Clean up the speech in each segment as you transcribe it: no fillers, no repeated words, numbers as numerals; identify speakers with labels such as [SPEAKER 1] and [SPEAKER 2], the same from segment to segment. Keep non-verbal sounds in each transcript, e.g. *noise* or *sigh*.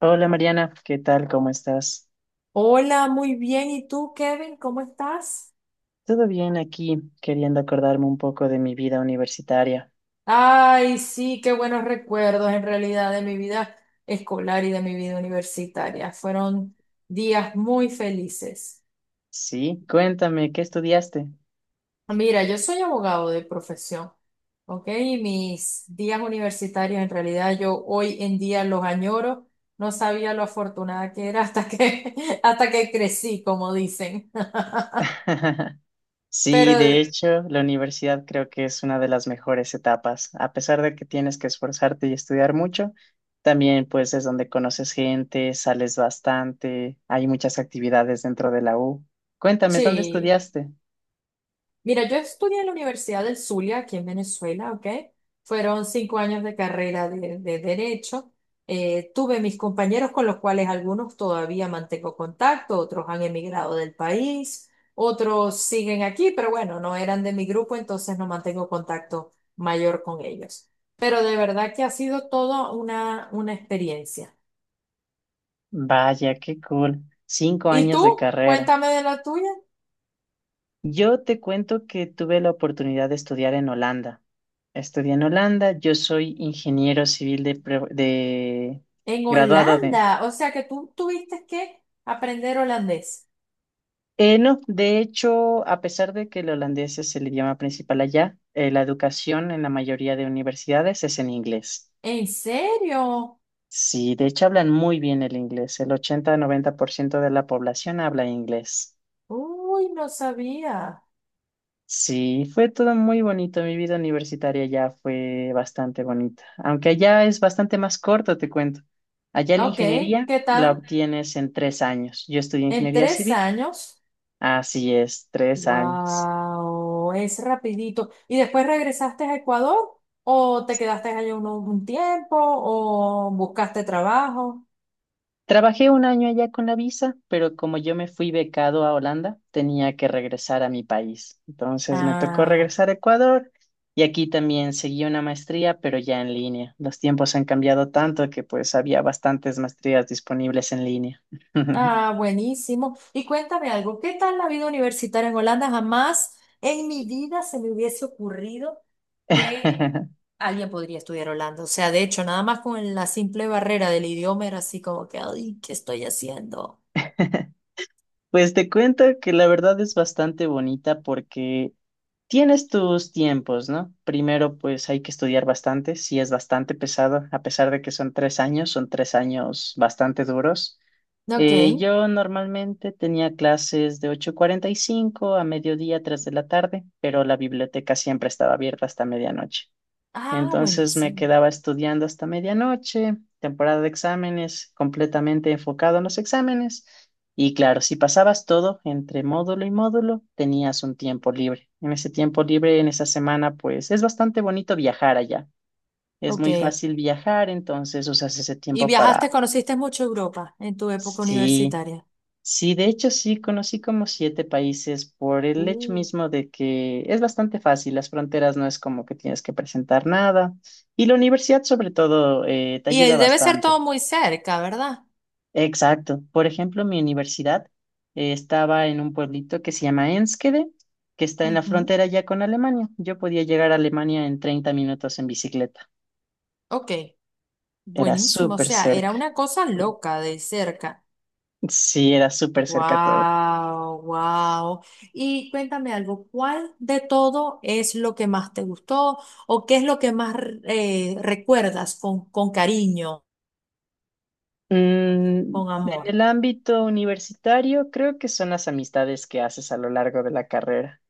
[SPEAKER 1] Hola Mariana, ¿qué tal? ¿Cómo estás?
[SPEAKER 2] Hola, muy bien. ¿Y tú, Kevin? ¿Cómo estás?
[SPEAKER 1] Todo bien aquí, queriendo acordarme un poco de mi vida universitaria.
[SPEAKER 2] Ay, sí, qué buenos recuerdos en realidad de mi vida escolar y de mi vida universitaria. Fueron días muy felices.
[SPEAKER 1] Sí, cuéntame, ¿qué estudiaste?
[SPEAKER 2] Mira, yo soy abogado de profesión, ¿ok? Y mis días universitarios en realidad yo hoy en día los añoro. No sabía lo afortunada que era hasta que, *laughs* hasta que crecí, como dicen. *laughs*
[SPEAKER 1] *laughs* Sí,
[SPEAKER 2] Pero
[SPEAKER 1] de hecho, la universidad creo que es una de las mejores etapas. A pesar de que tienes que esforzarte y estudiar mucho, también pues es donde conoces gente, sales bastante, hay muchas actividades dentro de la U. Cuéntame, ¿dónde
[SPEAKER 2] sí.
[SPEAKER 1] estudiaste?
[SPEAKER 2] Mira, yo estudié en la Universidad del Zulia, aquí en Venezuela, ¿ok? Fueron 5 años de carrera de Derecho. Tuve mis compañeros con los cuales algunos todavía mantengo contacto, otros han emigrado del país, otros siguen aquí, pero bueno, no eran de mi grupo, entonces no mantengo contacto mayor con ellos. Pero de verdad que ha sido toda una experiencia.
[SPEAKER 1] Vaya, qué cool. Cinco
[SPEAKER 2] ¿Y
[SPEAKER 1] años
[SPEAKER 2] tú?
[SPEAKER 1] de carrera.
[SPEAKER 2] Cuéntame de la tuya.
[SPEAKER 1] Yo te cuento que tuve la oportunidad de estudiar en Holanda. Estudié en Holanda, yo soy ingeniero civil
[SPEAKER 2] En
[SPEAKER 1] graduado de...
[SPEAKER 2] Holanda, o sea que tú tuviste que aprender holandés.
[SPEAKER 1] No, de hecho, a pesar de que el holandés es el idioma principal allá, la educación en la mayoría de universidades es en inglés.
[SPEAKER 2] ¿En serio?
[SPEAKER 1] Sí, de hecho hablan muy bien el inglés. El 80-90% de la población habla inglés.
[SPEAKER 2] Uy, no sabía.
[SPEAKER 1] Sí, fue todo muy bonito. Mi vida universitaria ya fue bastante bonita, aunque allá es bastante más corto, te cuento. Allá la
[SPEAKER 2] Ok,
[SPEAKER 1] ingeniería
[SPEAKER 2] ¿qué
[SPEAKER 1] la
[SPEAKER 2] tal?
[SPEAKER 1] obtienes en 3 años. Yo estudié
[SPEAKER 2] En
[SPEAKER 1] ingeniería
[SPEAKER 2] tres
[SPEAKER 1] civil,
[SPEAKER 2] años.
[SPEAKER 1] así es, 3 años.
[SPEAKER 2] Wow, es rapidito. ¿Y después regresaste a Ecuador? ¿O te quedaste allá un tiempo? ¿O buscaste trabajo?
[SPEAKER 1] Trabajé 1 año allá con la visa, pero como yo me fui becado a Holanda, tenía que regresar a mi país. Entonces me tocó
[SPEAKER 2] Ah,
[SPEAKER 1] regresar a Ecuador y aquí también seguí una maestría, pero ya en línea. Los tiempos han cambiado tanto que pues había bastantes maestrías disponibles en línea.
[SPEAKER 2] ah, buenísimo. Y cuéntame algo, ¿qué tal la vida universitaria en Holanda? Jamás en mi vida se me hubiese ocurrido que
[SPEAKER 1] *laughs*
[SPEAKER 2] alguien podría estudiar Holanda. O sea, de hecho, nada más con la simple barrera del idioma era así como que, ay, ¿qué estoy haciendo?
[SPEAKER 1] Pues te cuento que la verdad es bastante bonita porque tienes tus tiempos, ¿no? Primero, pues hay que estudiar bastante, sí es bastante pesado, a pesar de que son 3 años, son 3 años bastante duros.
[SPEAKER 2] Ok.
[SPEAKER 1] Yo normalmente tenía clases de 8:45 a mediodía, 3 de la tarde, pero la biblioteca siempre estaba abierta hasta medianoche.
[SPEAKER 2] Ah,
[SPEAKER 1] Entonces me
[SPEAKER 2] buenísimo.
[SPEAKER 1] quedaba estudiando hasta medianoche, temporada de exámenes, completamente enfocado en los exámenes. Y claro, si pasabas todo entre módulo y módulo, tenías un tiempo libre. En ese tiempo libre, en esa semana, pues es bastante bonito viajar allá. Es
[SPEAKER 2] Ok.
[SPEAKER 1] muy fácil viajar, entonces usas ese
[SPEAKER 2] ¿Y
[SPEAKER 1] tiempo para,
[SPEAKER 2] viajaste, conociste mucho Europa en tu época
[SPEAKER 1] sí,
[SPEAKER 2] universitaria?
[SPEAKER 1] sí, de hecho sí, conocí como 7 países por el hecho
[SPEAKER 2] Mm.
[SPEAKER 1] mismo de que es bastante fácil, las fronteras no es como que tienes que presentar nada y la universidad sobre todo te
[SPEAKER 2] Y
[SPEAKER 1] ayuda
[SPEAKER 2] debe ser
[SPEAKER 1] bastante.
[SPEAKER 2] todo muy cerca, ¿verdad?
[SPEAKER 1] Exacto. Por ejemplo, mi universidad estaba en un pueblito que se llama Enskede, que está en la
[SPEAKER 2] Ujú.
[SPEAKER 1] frontera ya con Alemania. Yo podía llegar a Alemania en 30 minutos en bicicleta.
[SPEAKER 2] Ok.
[SPEAKER 1] Era
[SPEAKER 2] Buenísimo. O
[SPEAKER 1] súper
[SPEAKER 2] sea,
[SPEAKER 1] cerca.
[SPEAKER 2] era una cosa loca de cerca.
[SPEAKER 1] Sí, era súper cerca todo.
[SPEAKER 2] Wow, wow. Y cuéntame algo, ¿cuál de todo es lo que más te gustó o qué es lo que más recuerdas con cariño,
[SPEAKER 1] En
[SPEAKER 2] con amor?
[SPEAKER 1] el ámbito universitario, creo que son las amistades que haces a lo largo de la carrera,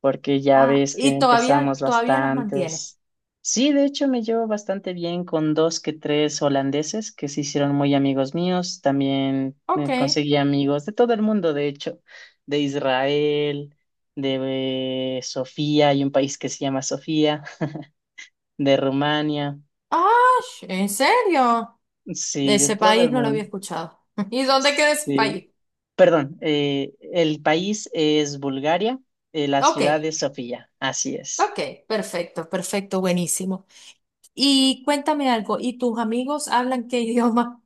[SPEAKER 1] porque ya
[SPEAKER 2] Ah,
[SPEAKER 1] ves que
[SPEAKER 2] y todavía,
[SPEAKER 1] empezamos
[SPEAKER 2] todavía las mantienes.
[SPEAKER 1] bastantes. Sí, de hecho me llevo bastante bien con dos que tres holandeses que se hicieron muy amigos míos. También
[SPEAKER 2] Ok.
[SPEAKER 1] conseguí amigos de todo el mundo, de hecho, de Israel, de Sofía, hay un país que se llama Sofía, *laughs* de Rumania,
[SPEAKER 2] Ah, ¿en serio? De
[SPEAKER 1] sí, de
[SPEAKER 2] ese
[SPEAKER 1] todo
[SPEAKER 2] país
[SPEAKER 1] el
[SPEAKER 2] no lo había
[SPEAKER 1] mundo.
[SPEAKER 2] escuchado. *laughs* ¿Y dónde queda ese
[SPEAKER 1] Sí.
[SPEAKER 2] país?
[SPEAKER 1] Perdón, el país es Bulgaria, la
[SPEAKER 2] Ok,
[SPEAKER 1] ciudad es Sofía, así es.
[SPEAKER 2] ok, perfecto, perfecto, buenísimo. Y cuéntame algo, ¿y tus amigos hablan qué *laughs* idioma?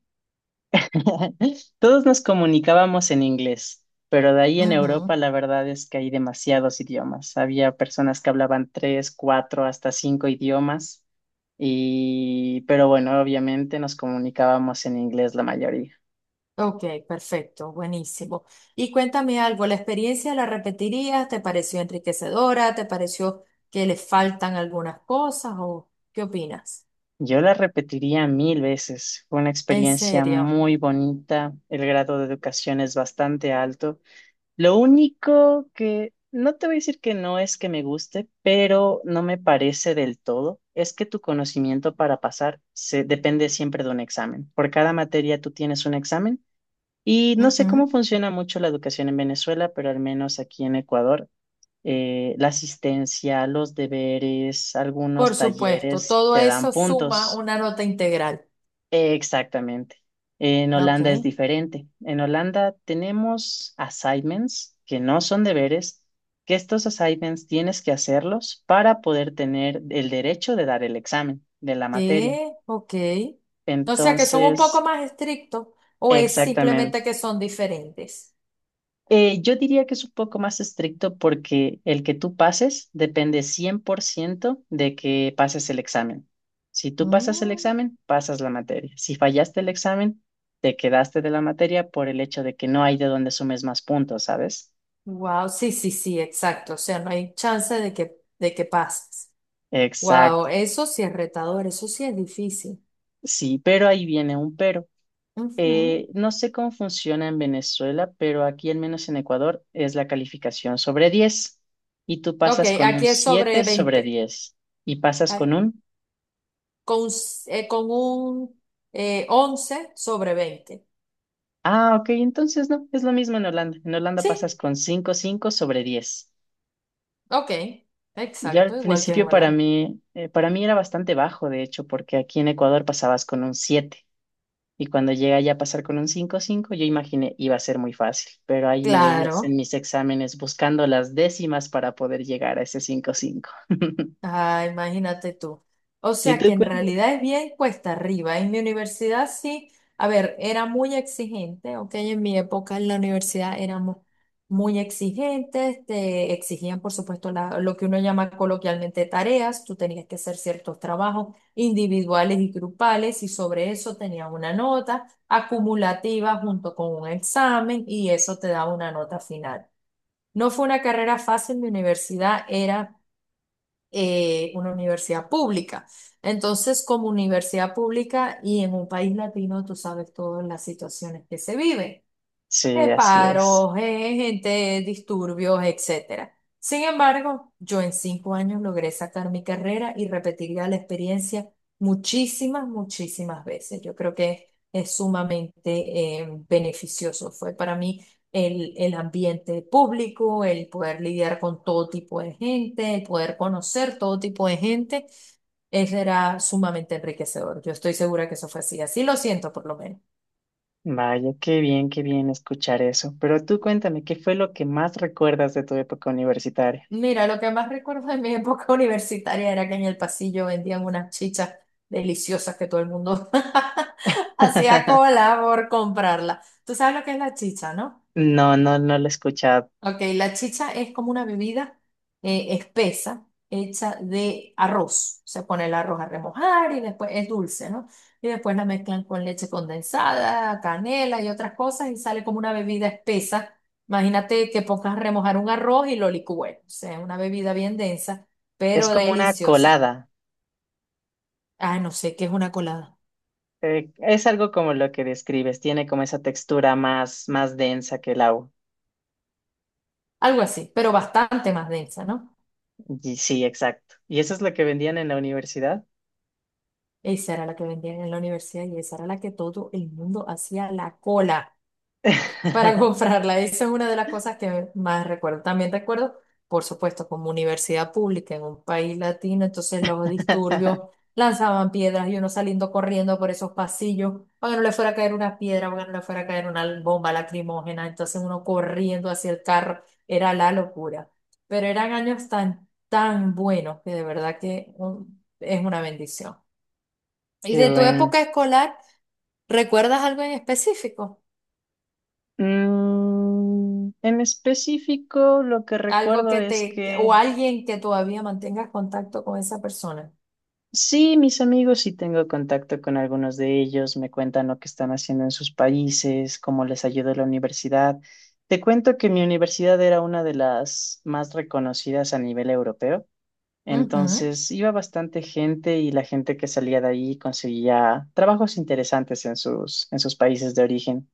[SPEAKER 1] *laughs* Todos nos comunicábamos en inglés, pero de ahí en Europa
[SPEAKER 2] Ujú.
[SPEAKER 1] la verdad es que hay demasiados idiomas. Había personas que hablaban tres, cuatro, hasta 5 idiomas, y pero bueno, obviamente nos comunicábamos en inglés la mayoría.
[SPEAKER 2] Ok, perfecto, buenísimo. Y cuéntame algo, ¿la experiencia la repetirías? ¿Te pareció enriquecedora? ¿Te pareció que le faltan algunas cosas? ¿O qué opinas?
[SPEAKER 1] Yo la repetiría 1.000 veces. Fue una
[SPEAKER 2] En
[SPEAKER 1] experiencia
[SPEAKER 2] serio.
[SPEAKER 1] muy bonita, el grado de educación es bastante alto. Lo único que no te voy a decir que no es que me guste, pero no me parece del todo, es que tu conocimiento para pasar se depende siempre de un examen. Por cada materia tú tienes un examen y no sé cómo
[SPEAKER 2] Ujú.
[SPEAKER 1] funciona mucho la educación en Venezuela, pero al menos aquí en Ecuador, la asistencia, los deberes,
[SPEAKER 2] Por
[SPEAKER 1] algunos
[SPEAKER 2] supuesto,
[SPEAKER 1] talleres
[SPEAKER 2] todo
[SPEAKER 1] te dan
[SPEAKER 2] eso suma
[SPEAKER 1] puntos.
[SPEAKER 2] una nota integral.
[SPEAKER 1] Exactamente. En Holanda es
[SPEAKER 2] Ok.
[SPEAKER 1] diferente. En Holanda tenemos assignments que no son deberes, que estos assignments tienes que hacerlos para poder tener el derecho de dar el examen de la materia.
[SPEAKER 2] ¿Qué? Ok. O sea que son un poco
[SPEAKER 1] Entonces,
[SPEAKER 2] más estrictos o es simplemente que son diferentes.
[SPEAKER 1] Yo diría que es un poco más estricto porque el que tú pases depende 100% de que pases el examen. Si tú pasas el examen, pasas la materia. Si fallaste el examen, te quedaste de la materia por el hecho de que no hay de dónde sumes más puntos, ¿sabes?
[SPEAKER 2] Wow, sí, sí, sí, exacto. O sea, no hay chance de que, pases.
[SPEAKER 1] Exacto.
[SPEAKER 2] Wow, eso sí es retador, eso sí es difícil.
[SPEAKER 1] Sí, pero ahí viene un pero.
[SPEAKER 2] Ujú.
[SPEAKER 1] No sé cómo funciona en Venezuela, pero aquí, al menos en Ecuador, es la calificación sobre 10 y tú
[SPEAKER 2] Ok,
[SPEAKER 1] pasas con un
[SPEAKER 2] aquí es sobre
[SPEAKER 1] 7 sobre
[SPEAKER 2] 20.
[SPEAKER 1] 10 y pasas
[SPEAKER 2] Ay,
[SPEAKER 1] con un...
[SPEAKER 2] con un 11 sobre 20.
[SPEAKER 1] Ah, ok, entonces no, es lo mismo en Holanda. En Holanda
[SPEAKER 2] Sí,
[SPEAKER 1] pasas con 5,5 sobre 10.
[SPEAKER 2] ok,
[SPEAKER 1] Yo al
[SPEAKER 2] exacto, igual que en
[SPEAKER 1] principio para
[SPEAKER 2] Holanda.
[SPEAKER 1] mí, eh, para mí era bastante bajo, de hecho, porque aquí en Ecuador pasabas con un 7 y cuando llegué ya a pasar con un 5,5, yo imaginé iba a ser muy fácil, pero ahí me veías en
[SPEAKER 2] Claro.
[SPEAKER 1] mis exámenes buscando las décimas para poder llegar a ese 5,5. *laughs*
[SPEAKER 2] Ah, imagínate tú. O
[SPEAKER 1] ¿Y
[SPEAKER 2] sea que
[SPEAKER 1] tú
[SPEAKER 2] en
[SPEAKER 1] cuéntame?
[SPEAKER 2] realidad es bien cuesta arriba. En mi universidad sí, a ver, era muy exigente, ok, en mi época en la universidad éramos muy exigentes, te exigían por supuesto lo que uno llama coloquialmente tareas, tú tenías que hacer ciertos trabajos individuales y grupales y sobre eso tenías una nota acumulativa junto con un examen y eso te daba una nota final. No fue una carrera fácil, mi universidad era una universidad pública. Entonces, como universidad pública y en un país latino, tú sabes todas las situaciones que se viven
[SPEAKER 1] Sí, así es.
[SPEAKER 2] paros, gente, disturbios, etcétera. Sin embargo, yo en 5 años logré sacar mi carrera y repetiría la experiencia muchísimas, muchísimas veces. Yo creo que es sumamente beneficioso. Fue para mí el ambiente público, el poder lidiar con todo tipo de gente, el poder conocer todo tipo de gente. Eso era sumamente enriquecedor. Yo estoy segura que eso fue así. Así lo siento, por lo menos.
[SPEAKER 1] Vaya, qué bien escuchar eso. Pero tú cuéntame, ¿qué fue lo que más recuerdas de tu época universitaria?
[SPEAKER 2] Mira, lo que más recuerdo de mi *laughs* época universitaria era que en el pasillo vendían unas chichas deliciosas que todo el mundo *laughs* hacía
[SPEAKER 1] *laughs*
[SPEAKER 2] cola por comprarla. Tú sabes lo que es la chicha, ¿no?
[SPEAKER 1] No, no, no lo he escuchado.
[SPEAKER 2] Ok, la chicha es como una bebida espesa hecha de arroz. Se pone el arroz a remojar y después es dulce, ¿no? Y después la mezclan con leche condensada, canela y otras cosas y sale como una bebida espesa. Imagínate que pongas a remojar un arroz y lo licúes. O sea, una bebida bien densa,
[SPEAKER 1] Es
[SPEAKER 2] pero
[SPEAKER 1] como una
[SPEAKER 2] deliciosa.
[SPEAKER 1] colada.
[SPEAKER 2] Ah, no sé qué es una colada.
[SPEAKER 1] Es algo como lo que describes. Tiene como esa textura más densa que el agua.
[SPEAKER 2] Algo así, pero bastante más densa, ¿no?
[SPEAKER 1] Y sí, exacto. ¿Y eso es lo que vendían en la universidad?
[SPEAKER 2] Esa era la que vendían en la universidad y esa era la que todo el mundo hacía la cola. Para *laughs*
[SPEAKER 1] *laughs*
[SPEAKER 2] comprarla. Esa es una de las cosas que más recuerdo. También recuerdo, por supuesto, como universidad pública en un país latino, entonces los disturbios lanzaban piedras y uno saliendo corriendo por esos pasillos, para que no le fuera a caer una piedra, para que no le fuera a caer una bomba lacrimógena, entonces uno corriendo hacia el carro, era la locura. Pero eran años tan, tan buenos que de verdad que es una bendición. ¿Y
[SPEAKER 1] Qué
[SPEAKER 2] de tu
[SPEAKER 1] bueno.
[SPEAKER 2] época escolar, recuerdas algo en específico?
[SPEAKER 1] En específico, lo que
[SPEAKER 2] Algo
[SPEAKER 1] recuerdo
[SPEAKER 2] que te,
[SPEAKER 1] es
[SPEAKER 2] o
[SPEAKER 1] que
[SPEAKER 2] alguien que todavía mantengas contacto con esa persona.
[SPEAKER 1] sí, mis amigos, sí tengo contacto con algunos de ellos, me cuentan lo que están haciendo en sus países, cómo les ayudó la universidad. Te cuento que mi universidad era una de las más reconocidas a nivel europeo,
[SPEAKER 2] Ujú,
[SPEAKER 1] entonces iba bastante gente y la gente que salía de ahí conseguía trabajos interesantes en sus países de origen.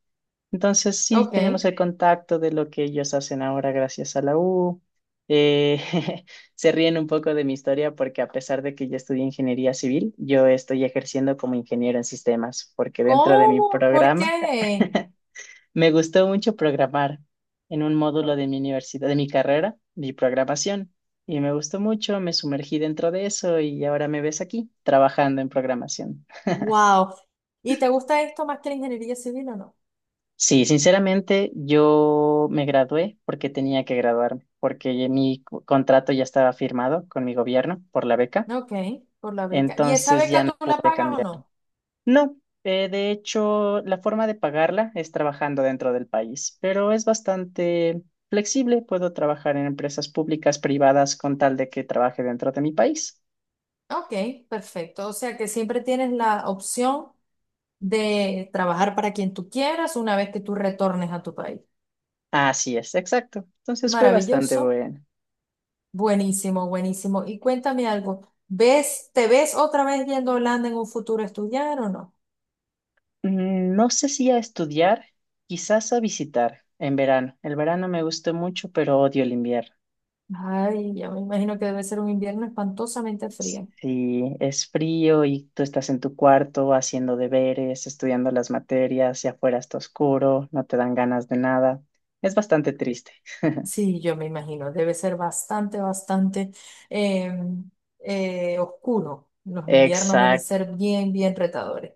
[SPEAKER 1] Entonces sí tenemos
[SPEAKER 2] ok.
[SPEAKER 1] el contacto de lo que ellos hacen ahora gracias a la U. Eh, *laughs* se ríen un poco de mi historia porque a pesar de que yo estudié ingeniería civil, yo estoy ejerciendo como ingeniero en sistemas, porque dentro de mi
[SPEAKER 2] ¿Cómo? ¿Por
[SPEAKER 1] programa
[SPEAKER 2] qué?
[SPEAKER 1] *laughs* me gustó mucho programar en un módulo de mi universidad, de mi carrera, mi programación, y me gustó mucho, me sumergí dentro de eso y ahora me ves aquí trabajando en programación.
[SPEAKER 2] Wow. ¿Y te gusta esto más que la ingeniería civil o no?
[SPEAKER 1] Sí, sinceramente yo me gradué porque tenía que graduarme, porque ya mi contrato ya estaba firmado con mi gobierno por la beca,
[SPEAKER 2] Ok, por la beca. ¿Y esa
[SPEAKER 1] entonces ya
[SPEAKER 2] beca
[SPEAKER 1] no
[SPEAKER 2] tú la
[SPEAKER 1] pude
[SPEAKER 2] pagas o
[SPEAKER 1] cambiar.
[SPEAKER 2] no?
[SPEAKER 1] No, de hecho la forma de pagarla es trabajando dentro del país, pero es bastante flexible, puedo trabajar en empresas públicas, privadas, con tal de que trabaje dentro de mi país.
[SPEAKER 2] Ok, perfecto. O sea que siempre tienes la opción de trabajar para quien tú quieras una vez que tú retornes a tu país.
[SPEAKER 1] Así es, exacto. Entonces fue bastante
[SPEAKER 2] Maravilloso.
[SPEAKER 1] bueno.
[SPEAKER 2] Buenísimo, buenísimo. Y cuéntame algo, ¿ves, te ves otra vez yendo a Holanda en un futuro a estudiar o no?
[SPEAKER 1] No sé si a estudiar, quizás a visitar en verano. El verano me gusta mucho, pero odio el invierno.
[SPEAKER 2] Ay, ya me imagino que debe ser un invierno espantosamente frío.
[SPEAKER 1] Si es frío y tú estás en tu cuarto haciendo deberes, estudiando las materias, y afuera está oscuro, no te dan ganas de nada. Es bastante triste.
[SPEAKER 2] Sí, yo me imagino, debe ser bastante, bastante eh, oscuro. Los inviernos deben
[SPEAKER 1] Exacto,
[SPEAKER 2] ser bien, bien retadores.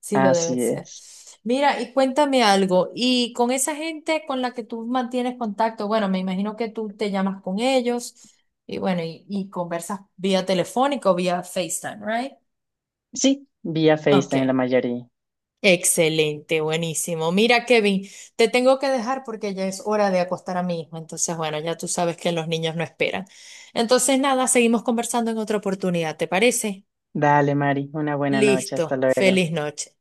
[SPEAKER 2] Sí, lo deben
[SPEAKER 1] así
[SPEAKER 2] ser.
[SPEAKER 1] es.
[SPEAKER 2] Mira, y cuéntame algo, y con esa gente con la que tú mantienes contacto, bueno, me imagino que tú te llamas con ellos y bueno, y conversas vía telefónica o vía FaceTime, ¿right?
[SPEAKER 1] Sí, vía Face también la
[SPEAKER 2] Ok.
[SPEAKER 1] mayoría.
[SPEAKER 2] Excelente, buenísimo. Mira, Kevin, te tengo que dejar porque ya es hora de acostar a mi hijo. Entonces, bueno, ya tú sabes que los niños no esperan. Entonces, nada, seguimos conversando en otra oportunidad, ¿te parece?
[SPEAKER 1] Dale, Mari, una buena noche, hasta
[SPEAKER 2] Listo.
[SPEAKER 1] luego.
[SPEAKER 2] Feliz noche.